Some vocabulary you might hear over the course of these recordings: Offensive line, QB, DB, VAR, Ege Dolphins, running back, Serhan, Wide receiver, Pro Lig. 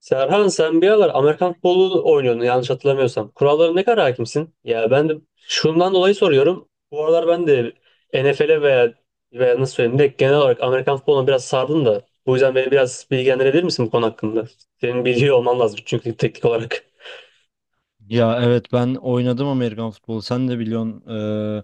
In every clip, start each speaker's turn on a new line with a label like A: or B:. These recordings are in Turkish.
A: Serhan sen bir aralar Amerikan futbolu oynuyordun yanlış hatırlamıyorsam. Kurallara ne kadar hakimsin? Ya ben de şundan dolayı soruyorum. Bu aralar ben de NFL'e veya nasıl söyleyeyim de genel olarak Amerikan futboluna biraz sardım da. Bu yüzden beni biraz bilgilendirebilir misin bu konu hakkında? Senin biliyor olman lazım çünkü teknik olarak.
B: Ya evet ben oynadım Amerikan futbolu. Sen de biliyorsun,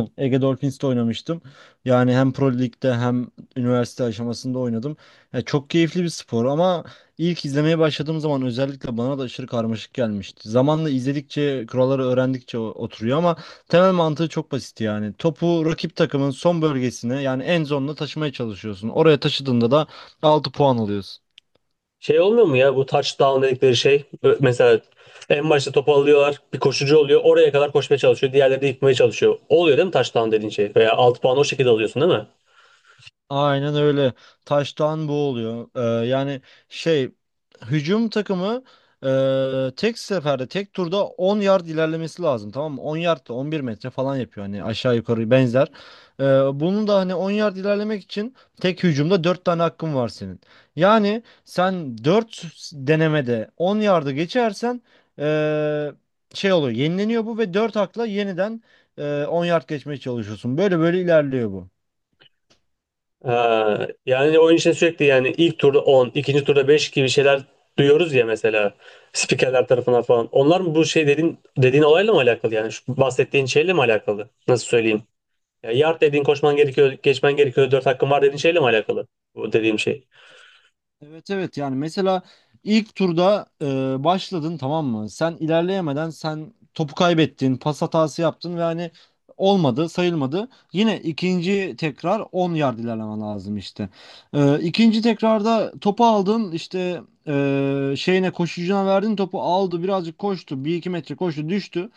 B: Ege Dolphins'te oynamıştım. Yani hem Pro Lig'de hem üniversite aşamasında oynadım. Ya çok keyifli bir spor ama ilk izlemeye başladığım zaman özellikle bana da aşırı karmaşık gelmişti. Zamanla izledikçe, kuralları öğrendikçe oturuyor ama temel mantığı çok basit yani. Topu rakip takımın son bölgesine, yani en zone'una taşımaya çalışıyorsun. Oraya taşıdığında da 6 puan alıyorsun.
A: Şey olmuyor mu ya bu touchdown dedikleri şey? Mesela en başta topu alıyorlar bir koşucu oluyor oraya kadar koşmaya çalışıyor. Diğerleri de yıkmaya çalışıyor. Oluyor değil mi touchdown dediğin şey? Veya 6 puan o şekilde alıyorsun değil mi?
B: Aynen öyle. Taştan bu oluyor. Yani şey, hücum takımı tek seferde, tek turda 10 yard ilerlemesi lazım, tamam mı? 10 yard da 11 metre falan yapıyor hani, aşağı yukarı benzer. Ee, Bunu da hani 10 yard ilerlemek için tek hücumda 4 tane hakkın var senin. Yani sen 4 denemede 10 yardı geçersen e, şey oluyor, yenileniyor bu ve 4 hakla yeniden 10 yard geçmeye çalışıyorsun. Böyle böyle ilerliyor bu.
A: Ha, yani oyun için sürekli yani ilk turda 10, ikinci turda 5 gibi şeyler duyuyoruz ya mesela spikerler tarafından falan. Onlar mı bu şey dediğin olayla mı alakalı yani? Şu bahsettiğin şeyle mi alakalı? Nasıl söyleyeyim? Ya yard dediğin koşman gerekiyor, geçmen gerekiyor, 4 hakkın var dediğin şeyle mi alakalı? Bu dediğim şey.
B: Evet, evet, yani mesela ilk turda başladın, tamam mı? Sen ilerleyemeden sen topu kaybettin, pas hatası yaptın ve hani olmadı, sayılmadı. Yine ikinci tekrar 10 yard ilerlemen lazım işte. İkinci tekrarda topu aldın işte, şeyine, koşucuna verdin, topu aldı, birazcık koştu, bir iki metre koştu, düştü.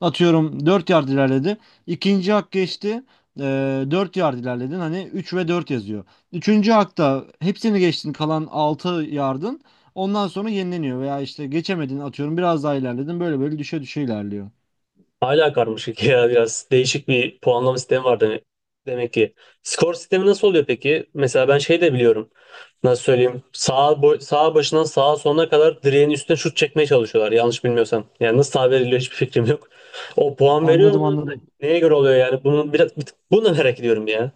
B: Atıyorum 4 yard ilerledi. İkinci hak geçti. 4 yard ilerledin. Hani 3 ve 4 yazıyor. Üçüncü hakta hepsini geçtin, kalan 6 yardın. Ondan sonra yenileniyor veya işte geçemedin, atıyorum biraz daha ilerledin. Böyle böyle düşe düşe ilerliyor.
A: Hala karmaşık ya biraz değişik bir puanlama sistemi var demek ki. Skor sistemi nasıl oluyor peki? Mesela ben şey de biliyorum. Nasıl söyleyeyim? Sağ, boy, sağ başından sağa sonuna kadar direğin üstüne şut çekmeye çalışıyorlar yanlış bilmiyorsam. Yani nasıl sağ veriliyor hiçbir fikrim yok. O puan veriyor
B: Anladım,
A: mu?
B: anladım.
A: Neye göre oluyor yani? Bunu biraz bunu da merak ediyorum ya.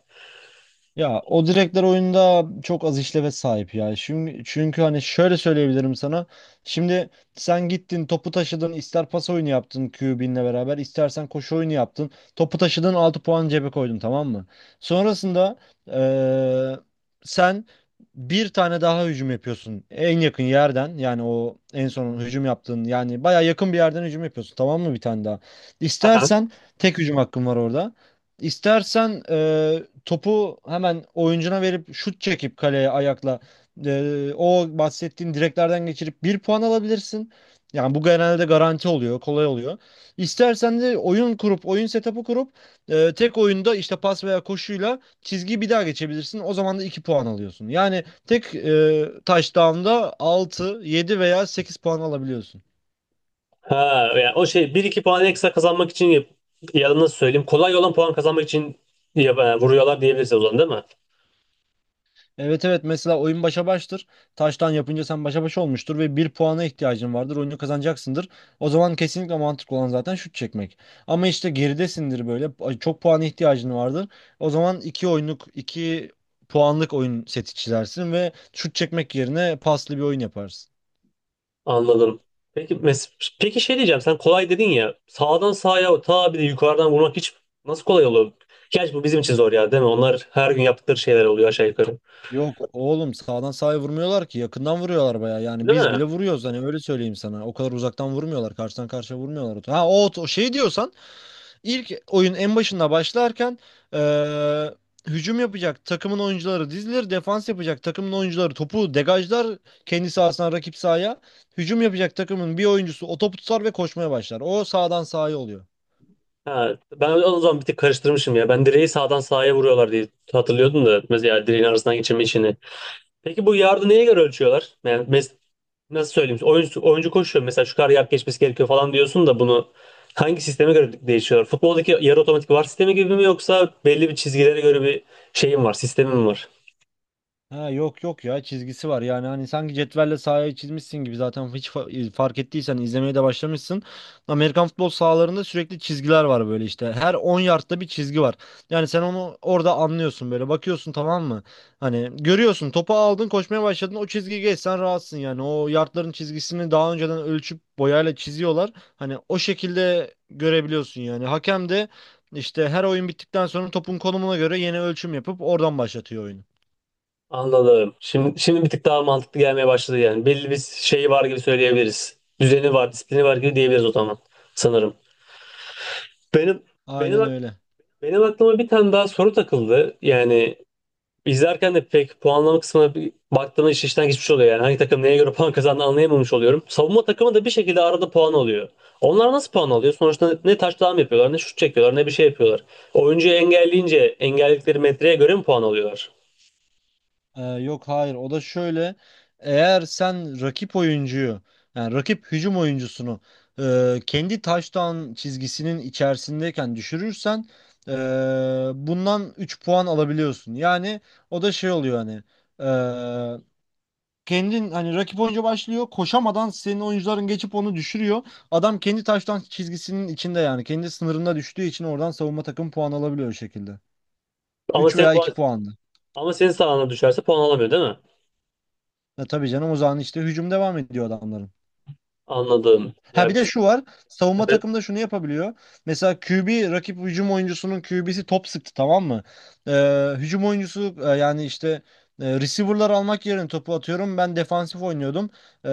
B: Ya o direkler oyunda çok az işleve sahip ya. Çünkü hani şöyle söyleyebilirim sana. Şimdi sen gittin, topu taşıdın, ister pas oyunu yaptın QB'inle beraber, istersen koşu oyunu yaptın. Topu taşıdın, 6 puan cebe koydun, tamam mı? Sonrasında, eee, sen bir tane daha hücum yapıyorsun. En yakın yerden, yani o en son hücum yaptığın, yani baya yakın bir yerden hücum yapıyorsun, tamam mı, bir tane daha.
A: Aha.
B: İstersen tek hücum hakkın var orada. İstersen topu hemen oyuncuna verip şut çekip kaleye ayakla, o bahsettiğin direklerden geçirip bir puan alabilirsin. Yani bu genelde garanti oluyor, kolay oluyor. İstersen de oyun kurup, oyun setup'ı kurup tek oyunda işte pas veya koşuyla çizgiyi bir daha geçebilirsin. O zaman da 2 puan alıyorsun. Yani tek touchdown'da 6, 7 veya 8 puan alabiliyorsun.
A: Ha, yani o şey bir iki puan ekstra kazanmak için ya da nasıl söyleyeyim? Kolay olan puan kazanmak için ya, vuruyorlar diyebiliriz o zaman değil mi?
B: Evet, evet, mesela oyun başa baştır. Taştan yapınca sen başa baş olmuştur ve bir puana ihtiyacın vardır. Oyunu kazanacaksındır. O zaman kesinlikle mantıklı olan zaten şut çekmek. Ama işte geridesindir böyle. Ay, çok puana ihtiyacın vardır. O zaman 2 oyunluk, 2 puanlık oyun seti çizersin ve şut çekmek yerine paslı bir oyun yaparsın.
A: Anladım. Peki mes peki şey diyeceğim sen kolay dedin ya sağdan sağa ta bir de yukarıdan vurmak hiç nasıl kolay oluyor? Gerçi bu bizim için zor ya değil mi? Onlar her gün yaptıkları şeyler oluyor aşağı yukarı.
B: Yok oğlum, sağdan sağa vurmuyorlar ki, yakından vuruyorlar baya. Yani
A: Değil
B: biz bile
A: mi?
B: vuruyoruz, hani öyle söyleyeyim sana. O kadar uzaktan vurmuyorlar, karşıdan karşıya vurmuyorlar. Ha, o şey diyorsan, İlk oyun en başında başlarken, eee, hücum yapacak takımın oyuncuları dizilir, defans yapacak takımın oyuncuları topu degajlar kendi sahasına, rakip sahaya. Hücum yapacak takımın bir oyuncusu o topu tutar ve koşmaya başlar. O sağdan sahaya oluyor.
A: Ha, ben o zaman bir tık karıştırmışım ya. Ben direği sağdan sağa vuruyorlar diye hatırlıyordum da mesela direğin arasından geçirme işini. Peki bu yardı neye göre ölçüyorlar? Yani nasıl söyleyeyim? Oyuncu koşuyor mesela şu kadar yard geçmesi gerekiyor falan diyorsun da bunu hangi sisteme göre değişiyor? Futboldaki yarı otomatik VAR sistemi gibi mi yoksa belli bir çizgilere göre bir şeyim var, sistemim var?
B: Ha, yok yok ya, çizgisi var yani. Hani sanki cetvelle sahayı çizmişsin gibi. Zaten hiç fark ettiysen izlemeye de başlamışsın. Amerikan futbol sahalarında sürekli çizgiler var böyle işte, her 10 yardta bir çizgi var. Yani sen onu orada anlıyorsun, böyle bakıyorsun, tamam mı? Hani görüyorsun, topu aldın, koşmaya başladın, o çizgiyi geçsen rahatsın. Yani o yardların çizgisini daha önceden ölçüp boyayla çiziyorlar. Hani o şekilde görebiliyorsun. Yani hakem de işte her oyun bittikten sonra topun konumuna göre yeni ölçüm yapıp oradan başlatıyor oyunu.
A: Anladım. Şimdi bir tık daha mantıklı gelmeye başladı yani. Belli bir şey var gibi söyleyebiliriz. Düzeni var, disiplini var gibi diyebiliriz o zaman sanırım. Benim benim
B: Aynen
A: ak-
B: öyle.
A: benim aklıma bir tane daha soru takıldı. Yani İzlerken de pek puanlama kısmına bir baktığımda iş işten geçmiş oluyor yani. Hangi takım neye göre puan kazandı anlayamamış oluyorum. Savunma takımı da bir şekilde arada puan alıyor. Onlar nasıl puan alıyor? Sonuçta ne taçtan yapıyorlar, ne şut çekiyorlar, ne bir şey yapıyorlar. Oyuncuyu engelleyince engelledikleri metreye göre mi puan alıyorlar?
B: Yok hayır, o da şöyle: eğer sen rakip oyuncuyu, yani rakip hücum oyuncusunu kendi taştan çizgisinin içerisindeyken düşürürsen e, bundan 3 puan alabiliyorsun. Yani o da şey oluyor hani, e, kendin hani, rakip oyuncu başlıyor, koşamadan senin oyuncuların geçip onu düşürüyor. Adam kendi taştan çizgisinin içinde, yani kendi sınırında düştüğü için oradan savunma takım puan alabiliyor o şekilde.
A: Ama
B: üç
A: senin
B: veya iki
A: puan,
B: puanlı.
A: ama senin sahana düşerse puan alamıyor değil mi?
B: Ya tabii canım, o zaman işte hücum devam ediyor adamların.
A: Anladım.
B: Ha,
A: Ya
B: bir de şu var. Savunma
A: evet,
B: takımda şunu yapabiliyor. Mesela QB, rakip hücum oyuncusunun QB'si top sıktı, tamam mı? Hücum oyuncusu, yani işte receiver'lar almak yerine topu atıyorum. Ben defansif oynuyordum. Ee,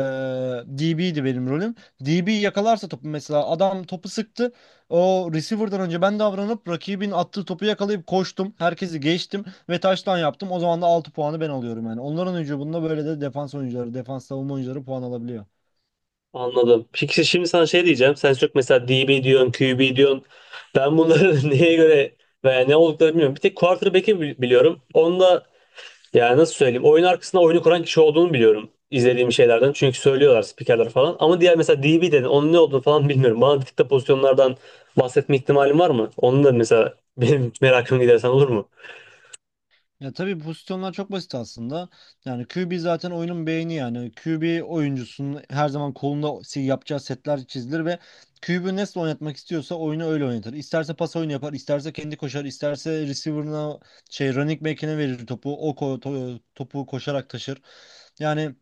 B: DB'ydi benim rolüm. DB yakalarsa topu, mesela adam topu sıktı. O receiver'dan önce ben davranıp rakibin attığı topu yakalayıp koştum, herkesi geçtim ve taştan yaptım. O zaman da 6 puanı ben alıyorum yani. Onların hücumunda böyle de defans oyuncuları, defans savunma oyuncuları puan alabiliyor.
A: anladım. Peki işte şimdi sana şey diyeceğim. Sen çok mesela DB diyorsun, Q B diyorsun. Ben bunları neye göre veya ne olduklarını bilmiyorum. Bir tek quarterback'i biliyorum. Onda yani nasıl söyleyeyim? Oyun arkasında oyunu kuran kişi olduğunu biliyorum izlediğim şeylerden. Çünkü söylüyorlar spikerler falan. Ama diğer mesela DB dedin onun ne olduğunu falan bilmiyorum. Bana bir tık da pozisyonlardan bahsetme ihtimalin var mı? Onu da mesela benim merakımı gidersen olur mu?
B: Ya tabii, pozisyonlar çok basit aslında. Yani QB zaten oyunun beyni yani. QB oyuncusunun her zaman kolunda yapacağı setler çizilir ve QB nasıl oynatmak istiyorsa oyunu öyle oynatır. İsterse pas oyunu yapar, isterse kendi koşar, isterse receiver'ına, şey, running back'ine verir topu. O topu koşarak taşır. Yani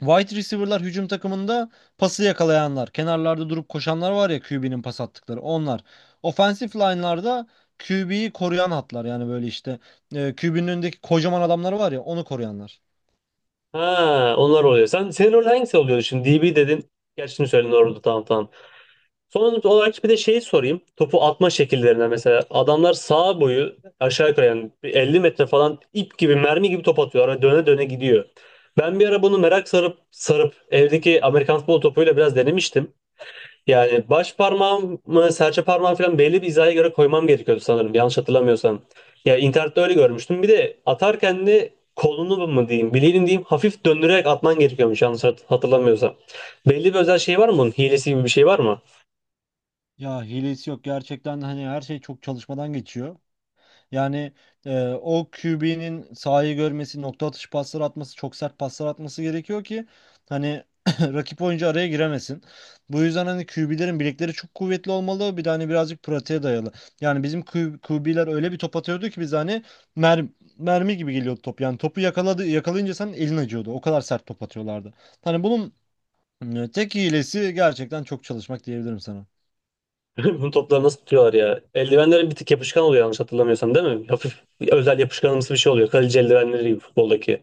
B: wide receiver'lar hücum takımında pası yakalayanlar. Kenarlarda durup koşanlar var ya, QB'nin pas attıkları onlar. Offensive line'larda QB'yi koruyan hatlar. Yani böyle işte QB'nin önündeki kocaman adamları var ya, onu koruyanlar.
A: Ha, onlar oluyor. Senin rol hangisi oluyordu şimdi? DB dedin. Gerçi şimdi söyledin orada tamam tamam. Son olarak bir de şeyi sorayım. Topu atma şekillerinden mesela. Adamlar sağ boyu aşağı yukarı yani bir 50 metre falan ip gibi mermi gibi top atıyorlar ve döne döne gidiyor. Ben bir ara bunu merak sarıp sarıp evdeki Amerikan futbol topuyla biraz denemiştim. Yani baş parmağımı, serçe parmağımı falan belli bir hizaya göre koymam gerekiyordu sanırım. Yanlış hatırlamıyorsam. Ya internette öyle görmüştüm. Bir de atarken de kolunu mu diyeyim, bileğini diyeyim hafif döndürerek atman gerekiyormuş yanlış hatırlamıyorsam. Belli bir özel şey var mı bunun? Hilesi gibi bir şey var mı?
B: Ya hilesi yok gerçekten de, hani her şey çok çalışmadan geçiyor. Yani o QB'nin sahayı görmesi, nokta atışı paslar atması, çok sert paslar atması gerekiyor ki hani rakip oyuncu araya giremesin. Bu yüzden hani QB'lerin bilekleri çok kuvvetli olmalı. Bir de hani birazcık pratiğe dayalı. Yani bizim QB'ler öyle bir top atıyordu ki biz hani mer mermi gibi geliyordu top. Yani topu yakaladı, yakalayınca senin elin acıyordu. O kadar sert top atıyorlardı. Hani bunun tek hilesi gerçekten çok çalışmak diyebilirim sana.
A: Bunun topları nasıl tutuyorlar ya? Eldivenlerin bir tık yapışkan oluyor yanlış hatırlamıyorsam değil mi? Hafif özel yapışkanımsı bir şey oluyor. Kaleci eldivenleri gibi futboldaki.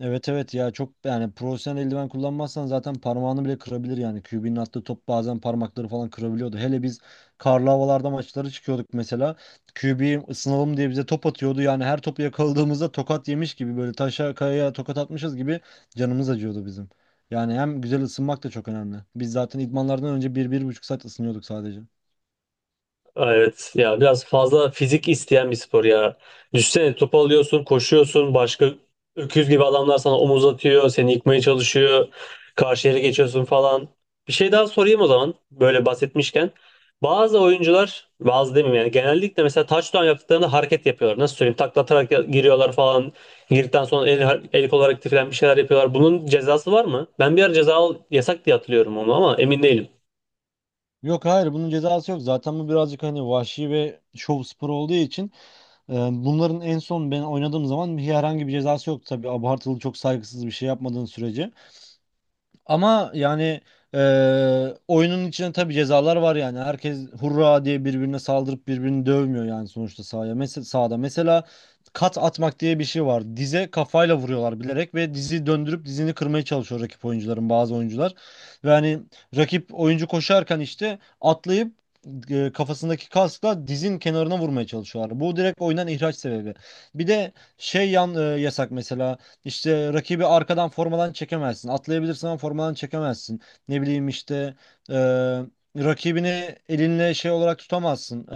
B: Evet evet, ya çok, yani profesyonel eldiven kullanmazsan zaten parmağını bile kırabilir yani. QB'nin attığı top bazen parmakları falan kırabiliyordu. Hele biz karlı havalarda maçlara çıkıyorduk mesela. QB, ısınalım diye bize top atıyordu. Yani her topu yakaladığımızda tokat yemiş gibi, böyle taşa kayaya tokat atmışız gibi canımız acıyordu bizim. Yani hem güzel ısınmak da çok önemli. Biz zaten idmanlardan önce bir bir buçuk saat ısınıyorduk sadece.
A: Evet ya biraz fazla fizik isteyen bir spor ya. Düşsene topu alıyorsun, koşuyorsun, başka öküz gibi adamlar sana omuz atıyor, seni yıkmaya çalışıyor, karşı yere geçiyorsun falan. Bir şey daha sorayım o zaman böyle bahsetmişken. Bazı oyuncular, bazı demeyeyim yani genellikle mesela touchdown yaptıklarında hareket yapıyorlar. Nasıl söyleyeyim? Taklatarak giriyorlar falan. Girdikten sonra el kol hareketi falan bir şeyler yapıyorlar. Bunun cezası var mı? Ben bir ara yasak diye hatırlıyorum onu ama emin değilim.
B: Yok hayır, bunun cezası yok. Zaten bu birazcık hani vahşi ve şov sporu olduğu için. Ee, Bunların en son ben oynadığım zaman herhangi bir cezası yoktu tabii. Abartılı, çok saygısız bir şey yapmadığın sürece. Ama yani, oyunun içinde tabii cezalar var yani. Herkes hurra diye birbirine saldırıp birbirini dövmüyor yani sonuçta sahaya. Mesela sahada, mesela kat atmak diye bir şey var. Dize kafayla vuruyorlar bilerek ve dizi döndürüp dizini kırmaya çalışıyor rakip oyuncuların bazı oyuncular. Ve hani rakip oyuncu koşarken işte atlayıp kafasındaki kaskla dizin kenarına vurmaya çalışıyorlar. Bu direkt oyundan ihraç sebebi. Bir de şey, yan, yasak mesela. İşte rakibi arkadan formadan çekemezsin. Atlayabilirsin ama formadan çekemezsin. Ne bileyim işte, e, rakibini elinle şey olarak tutamazsın.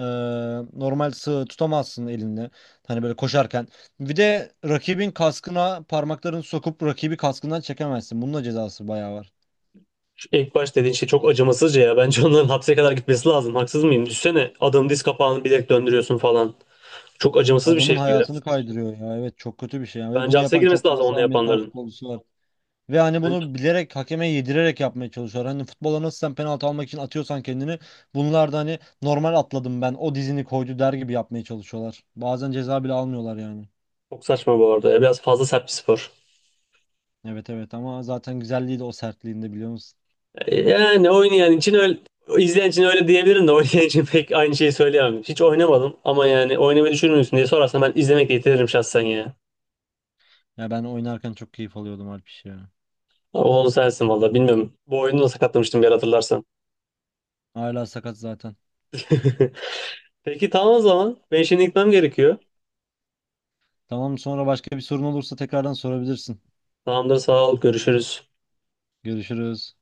B: Normal sığ tutamazsın elinle. Hani böyle koşarken. Bir de rakibin kaskına parmaklarını sokup rakibi kaskından çekemezsin. Bunun da cezası bayağı var.
A: İlk baş dediğin şey çok acımasızca ya. Bence onların hapse kadar gitmesi lazım. Haksız mıyım? Düşsene adamın diz kapağını bilerek döndürüyorsun falan. Çok acımasız bir
B: Adamın
A: şey bu ya.
B: hayatını kaydırıyor ya. Evet, çok kötü bir şey ya. Ve
A: Bence
B: bunu
A: hapse
B: yapan
A: girmesi
B: çok
A: lazım
B: fazla
A: onu
B: Amerikan
A: yapanların.
B: futbolcusu var. Ve hani
A: Bence
B: bunu bilerek, hakeme yedirerek yapmaya çalışıyorlar. Hani futbola nasıl sen penaltı almak için atıyorsan kendini, bunlar da hani normal atladım, ben o dizini koydu der gibi yapmaya çalışıyorlar. Bazen ceza bile almıyorlar yani.
A: çok saçma bu arada. Ya. Biraz fazla sert bir spor.
B: Evet evet, ama zaten güzelliği de o sertliğinde, biliyor musun?
A: Yani oynayan için öyle izleyen için öyle diyebilirim de oynayan için pek aynı şeyi söyleyemem. Hiç oynamadım ama yani oynamayı düşünür müsün diye sorarsan ben izlemekle yetinirim şahsen ya.
B: Ya, ben oynarken çok keyif alıyordum Alpiş ya.
A: Ama onu sensin valla bilmiyorum. Bu oyunu da sakatlamıştım bir ara hatırlarsan.
B: Hala sakat zaten.
A: Peki tamam o zaman. Ben şimdi gitmem gerekiyor.
B: Tamam, sonra başka bir sorun olursa tekrardan sorabilirsin.
A: Tamamdır sağ ol görüşürüz.
B: Görüşürüz.